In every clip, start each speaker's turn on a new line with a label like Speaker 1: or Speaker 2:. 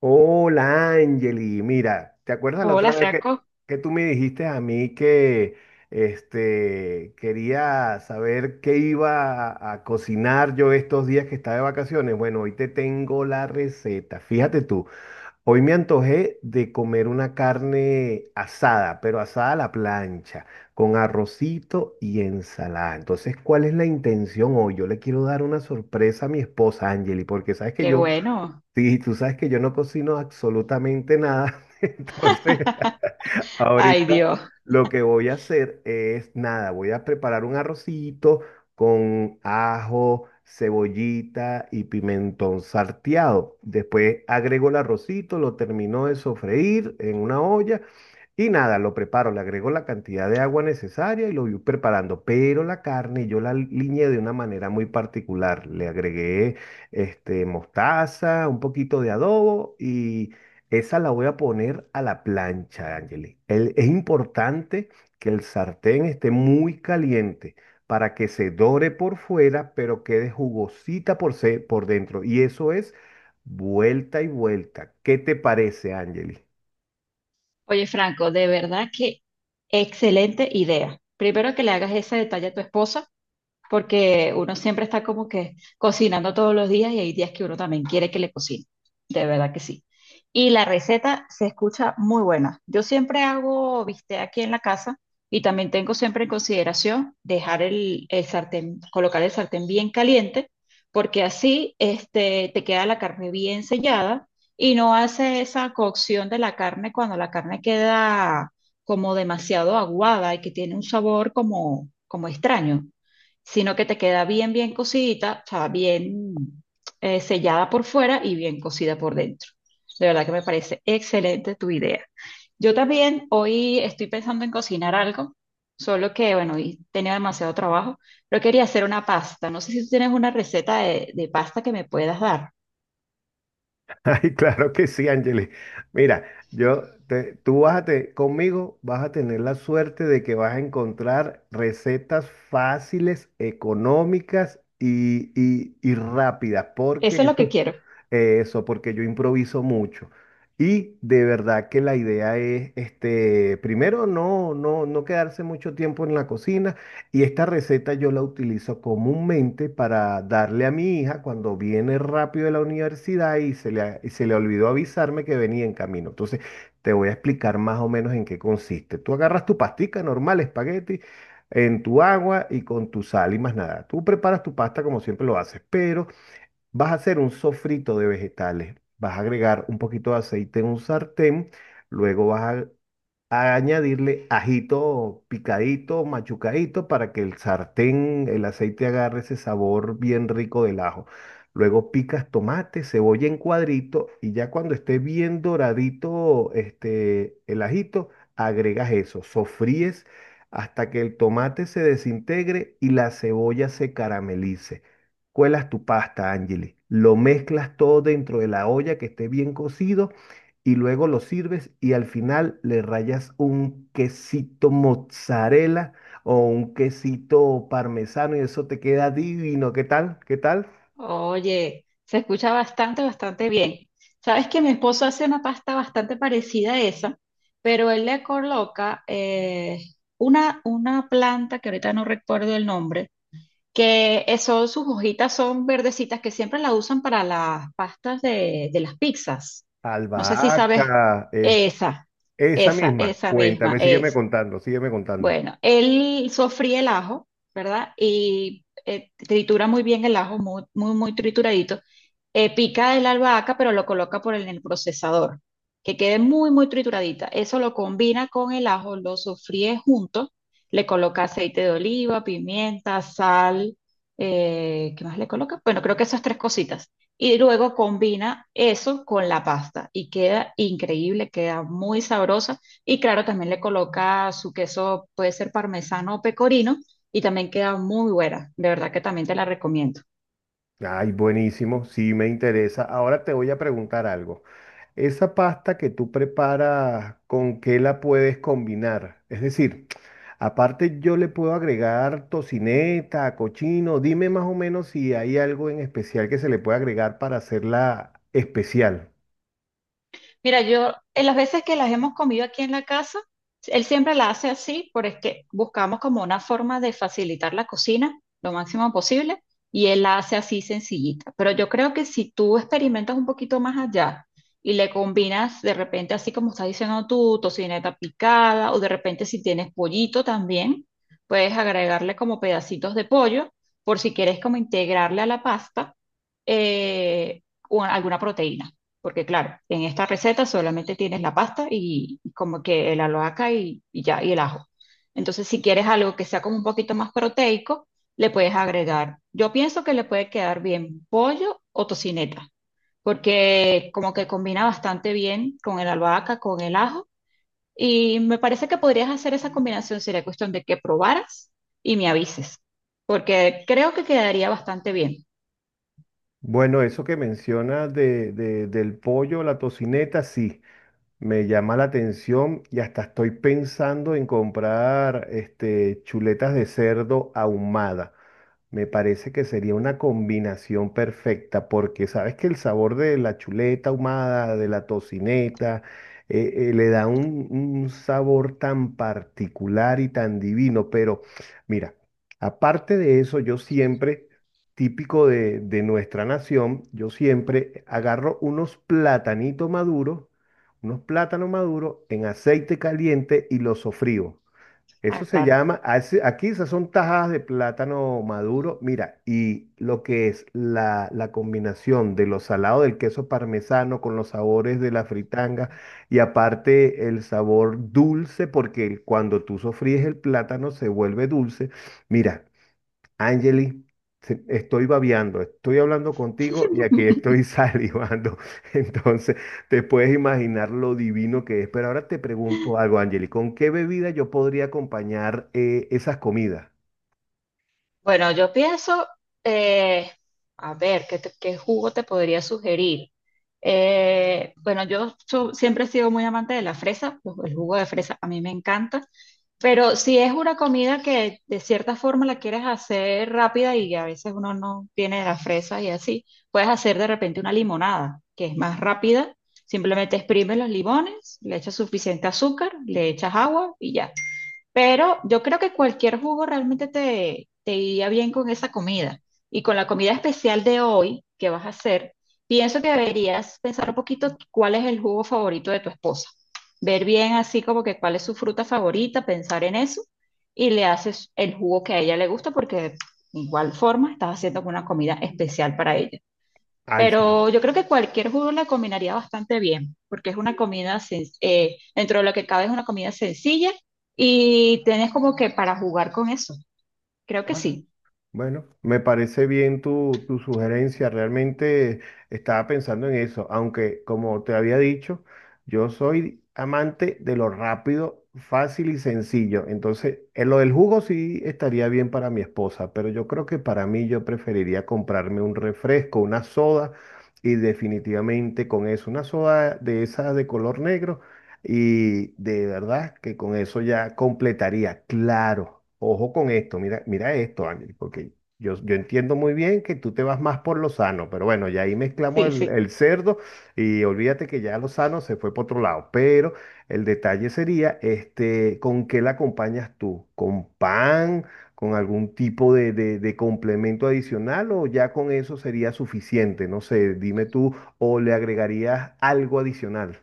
Speaker 1: Hola, Angeli. Mira, ¿te acuerdas la otra
Speaker 2: Hola
Speaker 1: vez
Speaker 2: Franco,
Speaker 1: que tú me dijiste a mí que quería saber qué iba a cocinar yo estos días que estaba de vacaciones? Bueno, hoy te tengo la receta. Fíjate tú, hoy me antojé de comer una carne asada, pero asada a la plancha, con arrocito y ensalada. Entonces, ¿cuál es la intención hoy? Yo le quiero dar una sorpresa a mi esposa, Angeli, porque sabes que
Speaker 2: qué
Speaker 1: yo...
Speaker 2: bueno.
Speaker 1: Sí, tú sabes que yo no cocino absolutamente nada, entonces
Speaker 2: Ay
Speaker 1: ahorita
Speaker 2: Dios.
Speaker 1: lo que voy a hacer es nada, voy a preparar un arrocito con ajo, cebollita y pimentón salteado. Después agrego el arrocito, lo termino de sofreír en una olla y nada, lo preparo, le agrego la cantidad de agua necesaria y lo voy preparando. Pero la carne yo la liñé de una manera muy particular. Le agregué mostaza, un poquito de adobo y esa la voy a poner a la plancha, Angeli. Es importante que el sartén esté muy caliente para que se dore por fuera, pero quede jugosita por dentro. Y eso es vuelta y vuelta. ¿Qué te parece, Angeli?
Speaker 2: Oye Franco, de verdad que excelente idea. Primero que le hagas ese detalle a tu esposa, porque uno siempre está como que cocinando todos los días y hay días que uno también quiere que le cocine, de verdad que sí. Y la receta se escucha muy buena. Yo siempre hago bistec aquí en la casa y también tengo siempre en consideración dejar el sartén, colocar el sartén bien caliente, porque así este, te queda la carne bien sellada y no hace esa cocción de la carne cuando la carne queda como demasiado aguada y que tiene un sabor como, como extraño, sino que te queda bien, bien cocidita, o sea, bien sellada por fuera y bien cocida por dentro. De verdad que me parece excelente tu idea. Yo también hoy estoy pensando en cocinar algo, solo que, bueno, hoy tenía demasiado trabajo, pero quería hacer una pasta. No sé si tú tienes una receta de pasta que me puedas dar.
Speaker 1: Ay, claro que sí, Ángeles. Mira, yo te- tú vas a te- conmigo vas a tener la suerte de que vas a encontrar recetas fáciles, económicas y rápidas, porque
Speaker 2: Eso es lo que
Speaker 1: eso,
Speaker 2: quiero.
Speaker 1: eso, porque yo improviso mucho. Y de verdad que la idea es, este, primero, no quedarse mucho tiempo en la cocina. Y esta receta yo la utilizo comúnmente para darle a mi hija cuando viene rápido de la universidad y se le olvidó avisarme que venía en camino. Entonces, te voy a explicar más o menos en qué consiste. Tú agarras tu pastica normal, espagueti, en tu agua y con tu sal y más nada. Tú preparas tu pasta como siempre lo haces, pero... Vas a hacer un sofrito de vegetales. Vas a agregar un poquito de aceite en un sartén, luego vas a añadirle ajito picadito, machucadito, para que el sartén, el aceite agarre ese sabor bien rico del ajo. Luego picas tomate, cebolla en cuadrito y ya cuando esté bien doradito este, el ajito, agregas eso, sofríes hasta que el tomate se desintegre y la cebolla se caramelice. Cuelas tu pasta, Angeli. Lo mezclas todo dentro de la olla que esté bien cocido y luego lo sirves y al final le rayas un quesito mozzarella o un quesito parmesano y eso te queda divino. ¿Qué tal? ¿Qué tal?
Speaker 2: Oye, se escucha bastante, bastante bien. Sabes que mi esposo hace una pasta bastante parecida a esa, pero él le coloca una planta que ahorita no recuerdo el nombre, que eso, sus hojitas son verdecitas que siempre la usan para las pastas de las pizzas. No sé si sabes
Speaker 1: Albahaca, es-
Speaker 2: esa,
Speaker 1: esa misma.
Speaker 2: esa misma
Speaker 1: Cuéntame, sígueme
Speaker 2: es.
Speaker 1: contando, sígueme contando.
Speaker 2: Bueno, él sofríe el ajo, ¿verdad? Y tritura muy bien el ajo, muy, muy, muy trituradito, pica de la albahaca, pero lo coloca por en el procesador, que quede muy, muy trituradita. Eso lo combina con el ajo, lo sofríe junto, le coloca aceite de oliva, pimienta, sal, ¿qué más le coloca? Bueno, creo que esas tres cositas. Y luego combina eso con la pasta y queda increíble, queda muy sabrosa. Y claro, también le coloca su queso, puede ser parmesano o pecorino, y también queda muy buena. De verdad que también te la recomiendo.
Speaker 1: Ay, buenísimo, sí me interesa. Ahora te voy a preguntar algo. Esa pasta que tú preparas, ¿con qué la puedes combinar? Es decir, aparte yo le puedo agregar tocineta, cochino. Dime más o menos si hay algo en especial que se le puede agregar para hacerla especial.
Speaker 2: Mira, yo en las veces que las hemos comido aquí en la casa, él siempre la hace así, porque buscamos como una forma de facilitar la cocina lo máximo posible y él la hace así sencillita. Pero yo creo que si tú experimentas un poquito más allá y le combinas de repente así como estás diciendo tú, tocineta picada o de repente si tienes pollito también, puedes agregarle como pedacitos de pollo por si quieres como integrarle a la pasta eh, o alguna proteína. Porque claro, en esta receta solamente tienes la pasta y como que el albahaca y ya, y el ajo. Entonces, si quieres algo que sea como un poquito más proteico, le puedes agregar. Yo pienso que le puede quedar bien pollo o tocineta, porque como que combina bastante bien con el albahaca, con el ajo. Y me parece que podrías hacer esa combinación. Sería cuestión de que probaras y me avises, porque creo que quedaría bastante bien.
Speaker 1: Bueno, eso que mencionas del pollo, la tocineta, sí, me llama la atención y hasta estoy pensando en comprar este, chuletas de cerdo ahumada. Me parece que sería una combinación perfecta, porque sabes que el sabor de la chuleta ahumada, de la tocineta, le da un sabor tan particular y tan divino. Pero mira, aparte de eso, yo siempre, típico de nuestra nación, yo siempre agarro unos platanitos maduros, unos plátanos maduros en aceite caliente y los sofrío. Eso
Speaker 2: Ah,
Speaker 1: se
Speaker 2: claro.
Speaker 1: llama, así- aquí esas son tajadas de plátano maduro. Mira, y lo que es la combinación de lo salado del queso parmesano con los sabores de la fritanga y aparte el sabor dulce, porque el- cuando tú sofríes el plátano se vuelve dulce. Mira, Angeli, se- estoy babeando, estoy hablando contigo y aquí estoy salivando. Entonces, te puedes imaginar lo divino que es. Pero ahora te pregunto algo, Angeli, ¿con qué bebida yo podría acompañar esas comidas?
Speaker 2: Bueno, yo pienso, eh, a ver, ¿ qué jugo te podría sugerir? Bueno, siempre he sido muy amante de la fresa, pues, el jugo de fresa a mí me encanta, pero si es una comida que de cierta forma la quieres hacer rápida y a veces uno no tiene la fresa y así, puedes hacer de repente una limonada, que es más rápida, simplemente exprimes los limones, le echas suficiente azúcar, le echas agua y ya. Pero yo creo que cualquier jugo realmente te, te iría bien con esa comida. Y con la comida especial de hoy que vas a hacer, pienso que deberías pensar un poquito cuál es el jugo favorito de tu esposa. Ver bien así como que cuál es su fruta favorita, pensar en eso y le haces el jugo que a ella le gusta porque de igual forma estás haciendo una comida especial para ella.
Speaker 1: Ay, sí.
Speaker 2: Pero yo creo que cualquier jugo la combinaría bastante bien, porque es una comida, dentro de lo que cabe es una comida sencilla y tenés como que para jugar con eso. Creo que sí,
Speaker 1: Bueno, me parece bien tu sugerencia. Realmente estaba pensando en eso, aunque como te había dicho, yo soy amante de lo rápido, fácil y sencillo. Entonces, en lo del jugo sí estaría bien para mi esposa, pero yo creo que para mí yo preferiría comprarme un refresco, una soda, y definitivamente con eso, una soda de esas de color negro. Y de verdad que con eso ya completaría. Claro, ojo con esto, mira, mira esto, Ángel, porque yo entiendo muy bien que tú te vas más por lo sano, pero bueno, ya ahí mezclamos
Speaker 2: sí, sí.
Speaker 1: el cerdo y olvídate que ya lo sano se fue por otro lado. Pero el detalle sería, este, ¿con qué la acompañas tú? ¿Con pan? ¿Con algún tipo de, de complemento adicional o ya con eso sería suficiente? No sé, dime tú, o le agregarías algo adicional.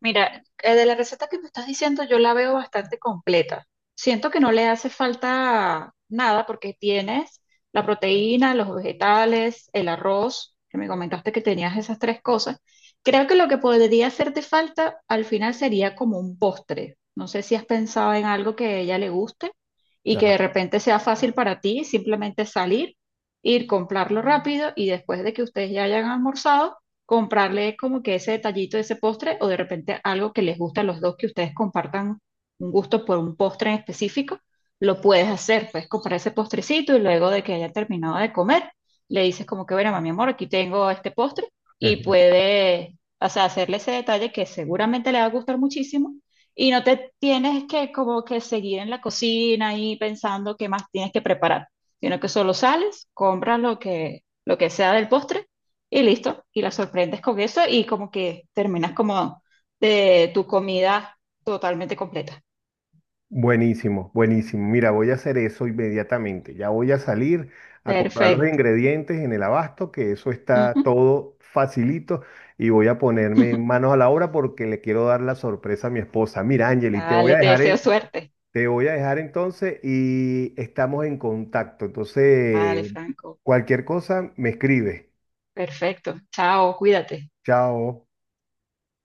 Speaker 2: Mira, de la receta que me estás diciendo, yo la veo bastante completa. Siento que no le hace falta nada porque tienes la proteína, los vegetales, el arroz, que me comentaste que tenías esas tres cosas. Creo que lo que podría hacerte falta al final sería como un postre. No sé si has pensado en algo que a ella le guste y que
Speaker 1: Ajá.
Speaker 2: de repente sea fácil para ti, simplemente salir, ir, comprarlo rápido y después de que ustedes ya hayan almorzado comprarle como que ese detallito, ese postre, o de repente algo que les gusta a los dos, que ustedes compartan un gusto por un postre en específico, lo puedes hacer, puedes comprar ese postrecito y luego de que haya terminado de comer, le dices como que, bueno, mi amor, aquí tengo este postre y puede, o sea, hacerle ese detalle que seguramente le va a gustar muchísimo. Y no te tienes que como que seguir en la cocina y pensando qué más tienes que preparar, sino que solo sales, compras lo que sea del postre y listo, y la sorprendes con eso y como que terminas como de tu comida totalmente completa.
Speaker 1: Buenísimo, buenísimo. Mira, voy a hacer eso inmediatamente. Ya voy a salir a comprar los
Speaker 2: Perfecto.
Speaker 1: ingredientes en el abasto, que eso está
Speaker 2: Ujú.
Speaker 1: todo facilito, y voy a ponerme manos a la obra porque le quiero dar la sorpresa a mi esposa. Mira, Angeli, te voy a
Speaker 2: Dale, te
Speaker 1: dejar
Speaker 2: deseo
Speaker 1: en,
Speaker 2: suerte.
Speaker 1: te voy a dejar entonces y estamos en contacto.
Speaker 2: Dale,
Speaker 1: Entonces,
Speaker 2: Franco.
Speaker 1: cualquier cosa, me escribe.
Speaker 2: Perfecto. Chao, cuídate.
Speaker 1: Chao.